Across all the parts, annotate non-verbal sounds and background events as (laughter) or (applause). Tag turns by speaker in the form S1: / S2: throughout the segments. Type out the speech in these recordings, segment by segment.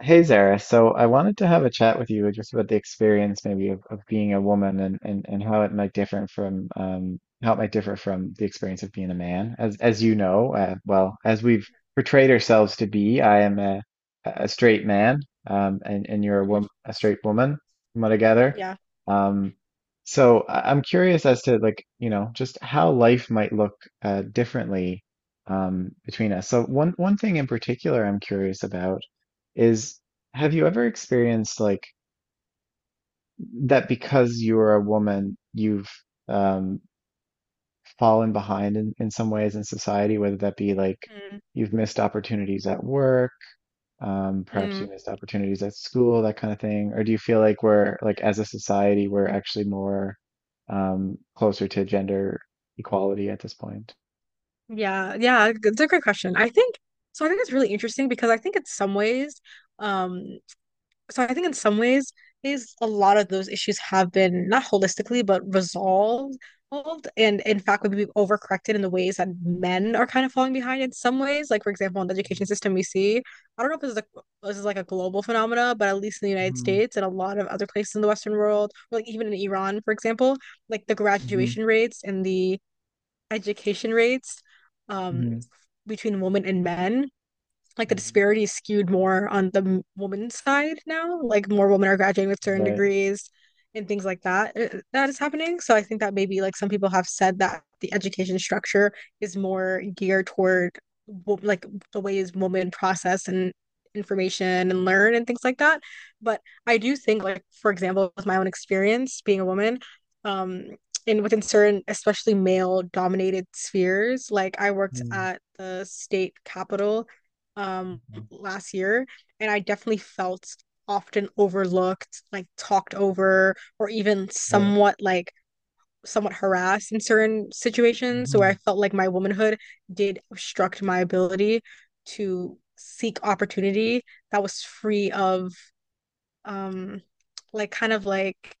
S1: Hey Zara, so I wanted to have a chat with you just about the experience maybe of being a woman and how it might differ from the experience of being a man. As you know, as we've portrayed ourselves to be, I am a straight man, and you're a
S2: Mhm.
S1: woman, a straight woman, from what I gather.
S2: Yeah.
S1: Um, I'm curious as to, like, you know, just how life might look differently, between us. So one thing in particular I'm curious about is, have you ever experienced, like, that because you're a woman, you've um, fallen behind in some ways in society, whether that be like
S2: Mm,
S1: you've missed opportunities at work, perhaps
S2: mm.
S1: you missed opportunities at school, that kind of thing? Or do you feel like we're, like, as a society, we're actually more closer to gender equality at this point?
S2: Yeah. Yeah. It's a great question. I think so. I think it's really interesting because I think in some ways, um, so I think in some ways is a lot of those issues have been not holistically but resolved. And in fact, maybe we've overcorrected in the ways that men are kind of falling behind in some ways. Like, for example, in the education system, we see, I don't know if this is like a global phenomena, but at least in the United
S1: Mm-hmm.
S2: States and a lot of other places in the Western world, or like even in Iran, for example, like the
S1: Mm-hmm.
S2: graduation rates and the education rates um,
S1: Hmm.
S2: between women and men, like the disparity is skewed more on the woman's side now. Like more women are graduating with certain
S1: Right.
S2: degrees and things like that. That is happening. So I think that maybe like some people have said that the education structure is more geared toward like the ways women process and information and learn and things like that. But I do think, like, for example, with my own experience being a woman, um and within certain especially male dominated spheres, like I worked
S1: Mm-hmm.
S2: at the state capitol um last year, and I definitely felt often overlooked, like talked over, or even
S1: Right.
S2: somewhat harassed in certain situations where
S1: Mm-hmm.
S2: I felt like my womanhood did obstruct my ability to seek opportunity that was free of um like kind of like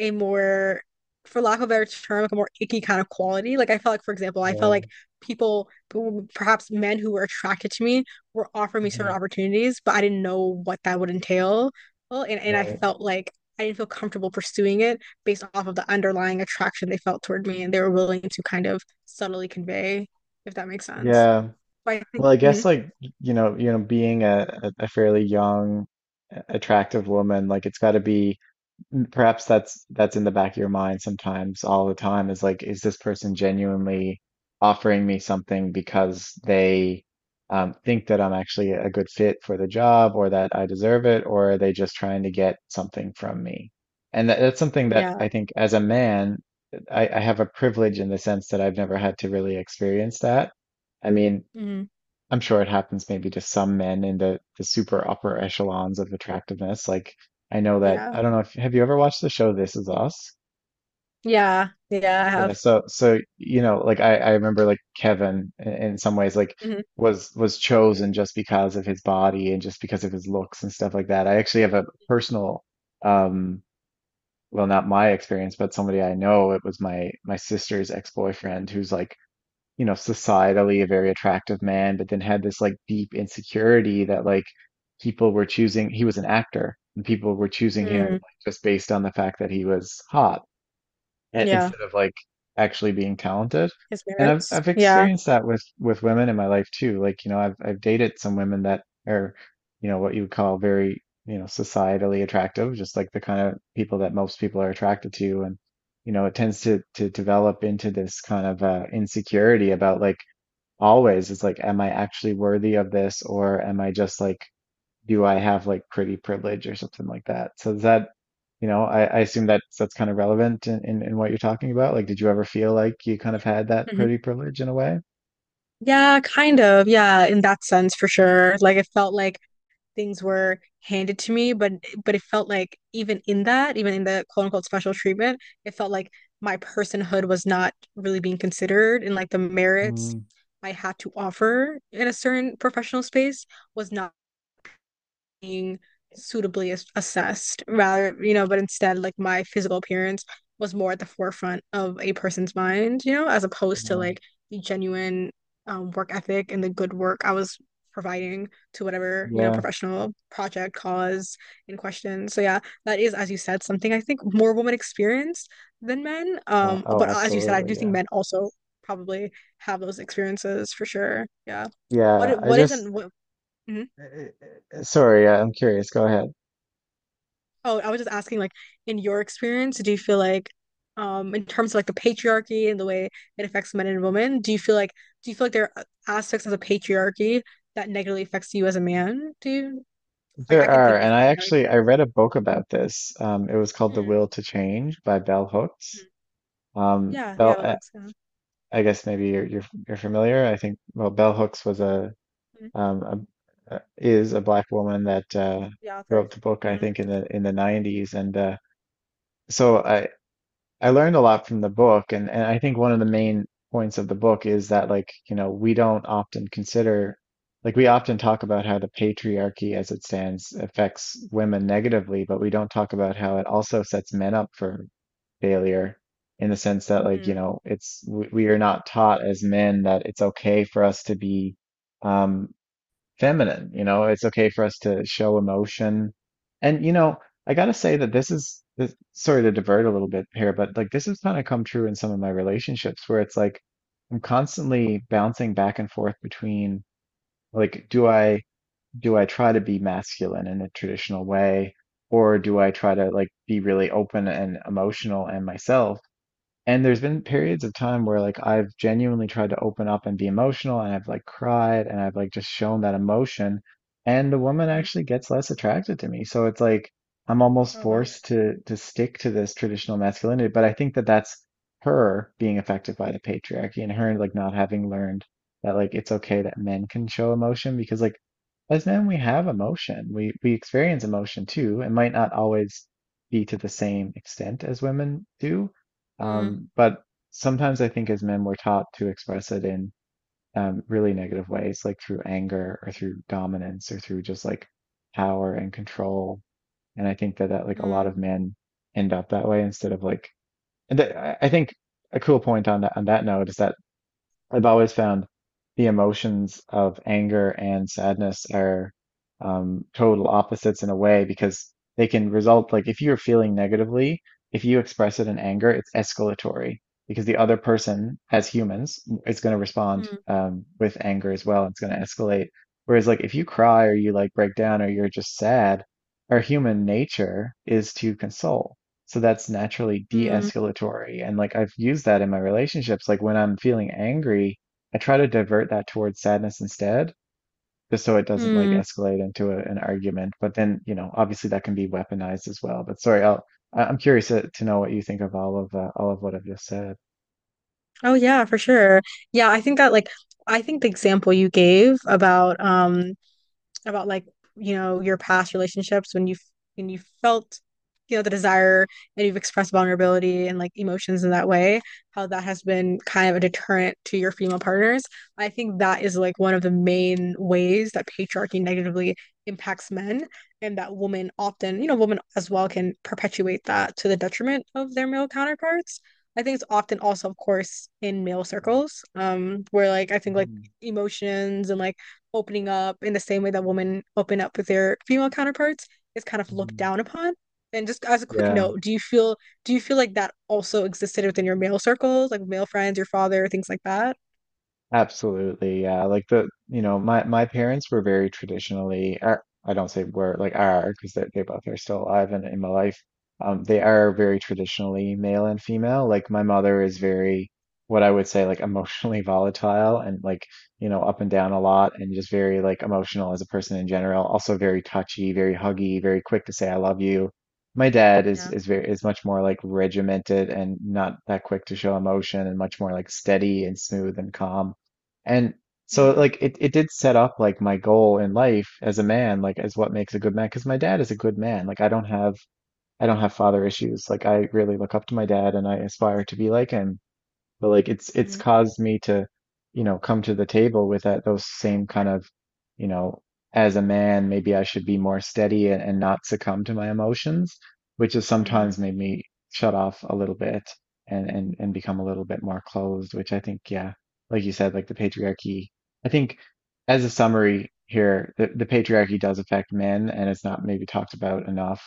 S2: a more, for lack of a better term, like a more icky kind of quality. Like I felt like, for example, I felt
S1: Yeah.
S2: like people, perhaps men who were attracted to me, were offering me
S1: Mm-hmm.
S2: certain opportunities, but I didn't know what that would entail. Well, and I
S1: Right.
S2: felt like I didn't feel comfortable pursuing it based off of the underlying attraction they felt toward me and they were willing to kind of subtly convey, if that makes sense.
S1: Yeah.
S2: But I think.
S1: Well, I guess,
S2: Mhm.
S1: like, being a a fairly young, attractive woman, like, it's got to be, mm, perhaps that's in the back of your mind sometimes, all the time, is like, is this person genuinely offering me something because they, think that I'm actually a good fit for the job or that I deserve it, or are they just trying to get something from me? And that's something that,
S2: Yeah.
S1: I think, as a man, I have a privilege in the sense that I've never had to really experience that. I mean,
S2: Hmm.
S1: I'm sure it happens maybe to some men in the super upper echelons of attractiveness. Like, I know that,
S2: Yeah.
S1: I don't know if, have you ever watched the show This Is Us?
S2: Yeah. Yeah, I
S1: Yeah,
S2: have.
S1: so, you know, like, I remember, like, Kevin, in some ways, like,
S2: Hmm.
S1: was chosen just because of his body and just because of his looks and stuff like that. I actually have a personal, um well, not my experience, but somebody I know. It was my sister's ex-boyfriend who's, like, you know, societally a very attractive man, but then had this, like, deep insecurity that, like, people were choosing, he was an actor and people were choosing him, like,
S2: Hmm.
S1: just based on the fact that he was hot and
S2: Yeah.
S1: instead of, like, actually being talented.
S2: His
S1: And I've
S2: merits.
S1: I've
S2: Yeah.
S1: experienced that with women in my life too. Like, you know, I've dated some women that are, you know, what you would call very, you know, societally attractive, just like the kind of people that most people are attracted to. And, you know, it tends to develop into this kind of insecurity about, like, always, it's like, am I actually worthy of this, or am I just, like, do I have like pretty privilege or something like that? So is that, you know, I assume that that's kind of relevant in, in what you're talking about. Like, did you ever feel like you kind of had that
S2: Hmm.
S1: pretty privilege in a way?
S2: Yeah, kind of. Yeah, in that sense for sure. Like it felt like things were handed to me, but it felt like even in the quote unquote special treatment, it felt like my personhood was not really being considered, and like the merits
S1: Mm,
S2: I had to offer in a certain professional space was not being suitably assessed, rather, but instead, like my physical appearance was more at the forefront of a person's mind, as opposed to
S1: yeah,
S2: like the genuine work ethic and the good work I was providing to whatever
S1: yeah,
S2: professional project cause in question. So yeah, that is, as you said, something I think more women experience than men.
S1: yeah, oh
S2: But as you said, I do
S1: absolutely,
S2: think
S1: yeah,
S2: men also probably have those experiences for sure. Yeah.
S1: yeah.
S2: what
S1: I
S2: what
S1: just
S2: isn't what? Mhm.
S1: sorry, yeah, I'm curious, go ahead.
S2: Oh, I was just asking, like, in your experience, do you feel like, in terms of like the patriarchy and the way it affects men and women, do you feel like, there are aspects of the patriarchy that negatively affects you as a man? Do you, like, I
S1: There
S2: can
S1: are,
S2: think of,
S1: and I
S2: few that
S1: actually I
S2: think-
S1: read a book about this, um, it was called The
S2: hmm.
S1: Will to Change by Bell Hooks.
S2: Hmm.
S1: um,
S2: Yeah,
S1: Bell,
S2: yeah,
S1: eh,
S2: Alexa.
S1: I guess maybe you're familiar. I think, well, bell hooks was a,
S2: Hmm.
S1: a, is a black woman that,
S2: The author.
S1: wrote the book. I
S2: Hmm.
S1: think in the 90s, and, so I learned a lot from the book, and, I think one of the main points of the book is that, like, you know, we don't often consider, like, we often talk about how the patriarchy, as it stands, affects women negatively, but we don't talk about how it also sets men up for failure, in the sense that, like, you
S2: Hmm.
S1: know, it's, we are not taught as men that it's okay for us to be, um, feminine, you know, it's okay for us to show emotion. And, you know, I gotta say that sorry to divert a little bit here, but, like, this has kind of come true in some of my relationships where it's like I'm constantly bouncing back and forth between, like, do I try to be masculine in a traditional way, or do I try to, like, be really open and emotional and myself? And there's been periods of time where, like, I've genuinely tried to open up and be emotional, and I've, like, cried, and I've, like, just shown that emotion, and the woman
S2: Hmm.
S1: actually gets less attracted to me. So it's like I'm almost
S2: Oh, wow.
S1: forced to stick to this traditional masculinity, but I think that that's her being affected by the patriarchy and her, like, not having learned that, like, it's okay that men can show emotion. Because, like, as men, we have emotion. We experience emotion too. It might not always be to the same extent as women do,
S2: Hmm.
S1: but sometimes, I think, as men, we're taught to express it in, really negative ways, like through anger or through dominance or through just like power and control. And I think that that, like, a
S2: Hmm.
S1: lot of men end up that way instead of, like, and I think a cool point on that note is that I've always found the emotions of anger and sadness are, total opposites in a way, because they can result, like, if you're feeling negatively, if you express it in anger, it's escalatory, because the other person, as humans, is going to respond,
S2: Hmm.
S1: with anger as well. It's going to escalate. Whereas, like, if you cry or you, like, break down or you're just sad, our human nature is to console. So that's naturally
S2: Hmm.
S1: de-escalatory. And, like, I've used that in my relationships. Like, when I'm feeling angry, I try to divert that towards sadness instead, just so it doesn't, like,
S2: Hmm.
S1: escalate into a, an argument. But then, you know, obviously that can be weaponized as well. But sorry, I'm curious to know what you think of all of, all of what I've just said.
S2: Oh, yeah, for sure. Yeah, I think that, like, I think the example you gave about, like, your past relationships when you felt the desire, and you've expressed vulnerability and like emotions in that way, how that has been kind of a deterrent to your female partners. I think that is like one of the main ways that patriarchy negatively impacts men, and that women often, women as well, can perpetuate that to the detriment of their male counterparts. I think it's often also, of course, in male circles, where, like, I think, like,
S1: Mhm,
S2: emotions and like opening up in the same way that women open up with their female counterparts is kind of looked
S1: mhm.
S2: down upon. And just as a quick
S1: Yeah.
S2: note, do you feel, like that also existed within your male circles, like male friends, your father, things like that?
S1: Absolutely, yeah. Like, the, you know, my parents were very traditionally, are, I don't say were, like, are, because they, both are still alive and in my life. They are very traditionally male and female. Like, my mother is
S2: Mm,
S1: very, what I would say, like, emotionally (laughs) volatile and, like, you know, up and down a lot and just very, like, emotional as a person in general. Also very touchy, very huggy, very quick to say I love you. My dad is
S2: yeah.
S1: is very, is much more like regimented and not that quick to show emotion and much more like steady and smooth and calm. And so
S2: Mm,
S1: like it did set up, like, my goal in life as a man, like, as what makes a good man. Because my dad is a good man. Like, I don't have father issues. Like, I really look up to my dad and I aspire to be like him, but like it's
S2: mm,
S1: caused me to, you know, come to the table with that, those same kind of, you know, as a man maybe I should be more steady and not succumb to my emotions, which has
S2: mm,
S1: sometimes made me shut off a little bit, and and become a little bit more closed, which I think, yeah, like you said, like the patriarchy, I think, as a summary here, the patriarchy does affect men and it's not maybe talked about enough,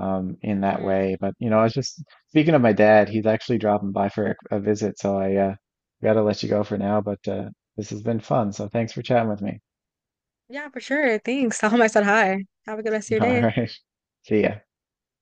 S1: um, in that
S2: mm.
S1: way, but, you know, I was just, speaking of my dad, he's actually dropping by for a visit, so I, gotta let you go for now, but, this has been fun, so thanks for chatting with me.
S2: Yeah, for sure. Thanks. (laughs) Tell him I said hi. Have a good rest of
S1: (laughs)
S2: your
S1: All
S2: day.
S1: right. See ya.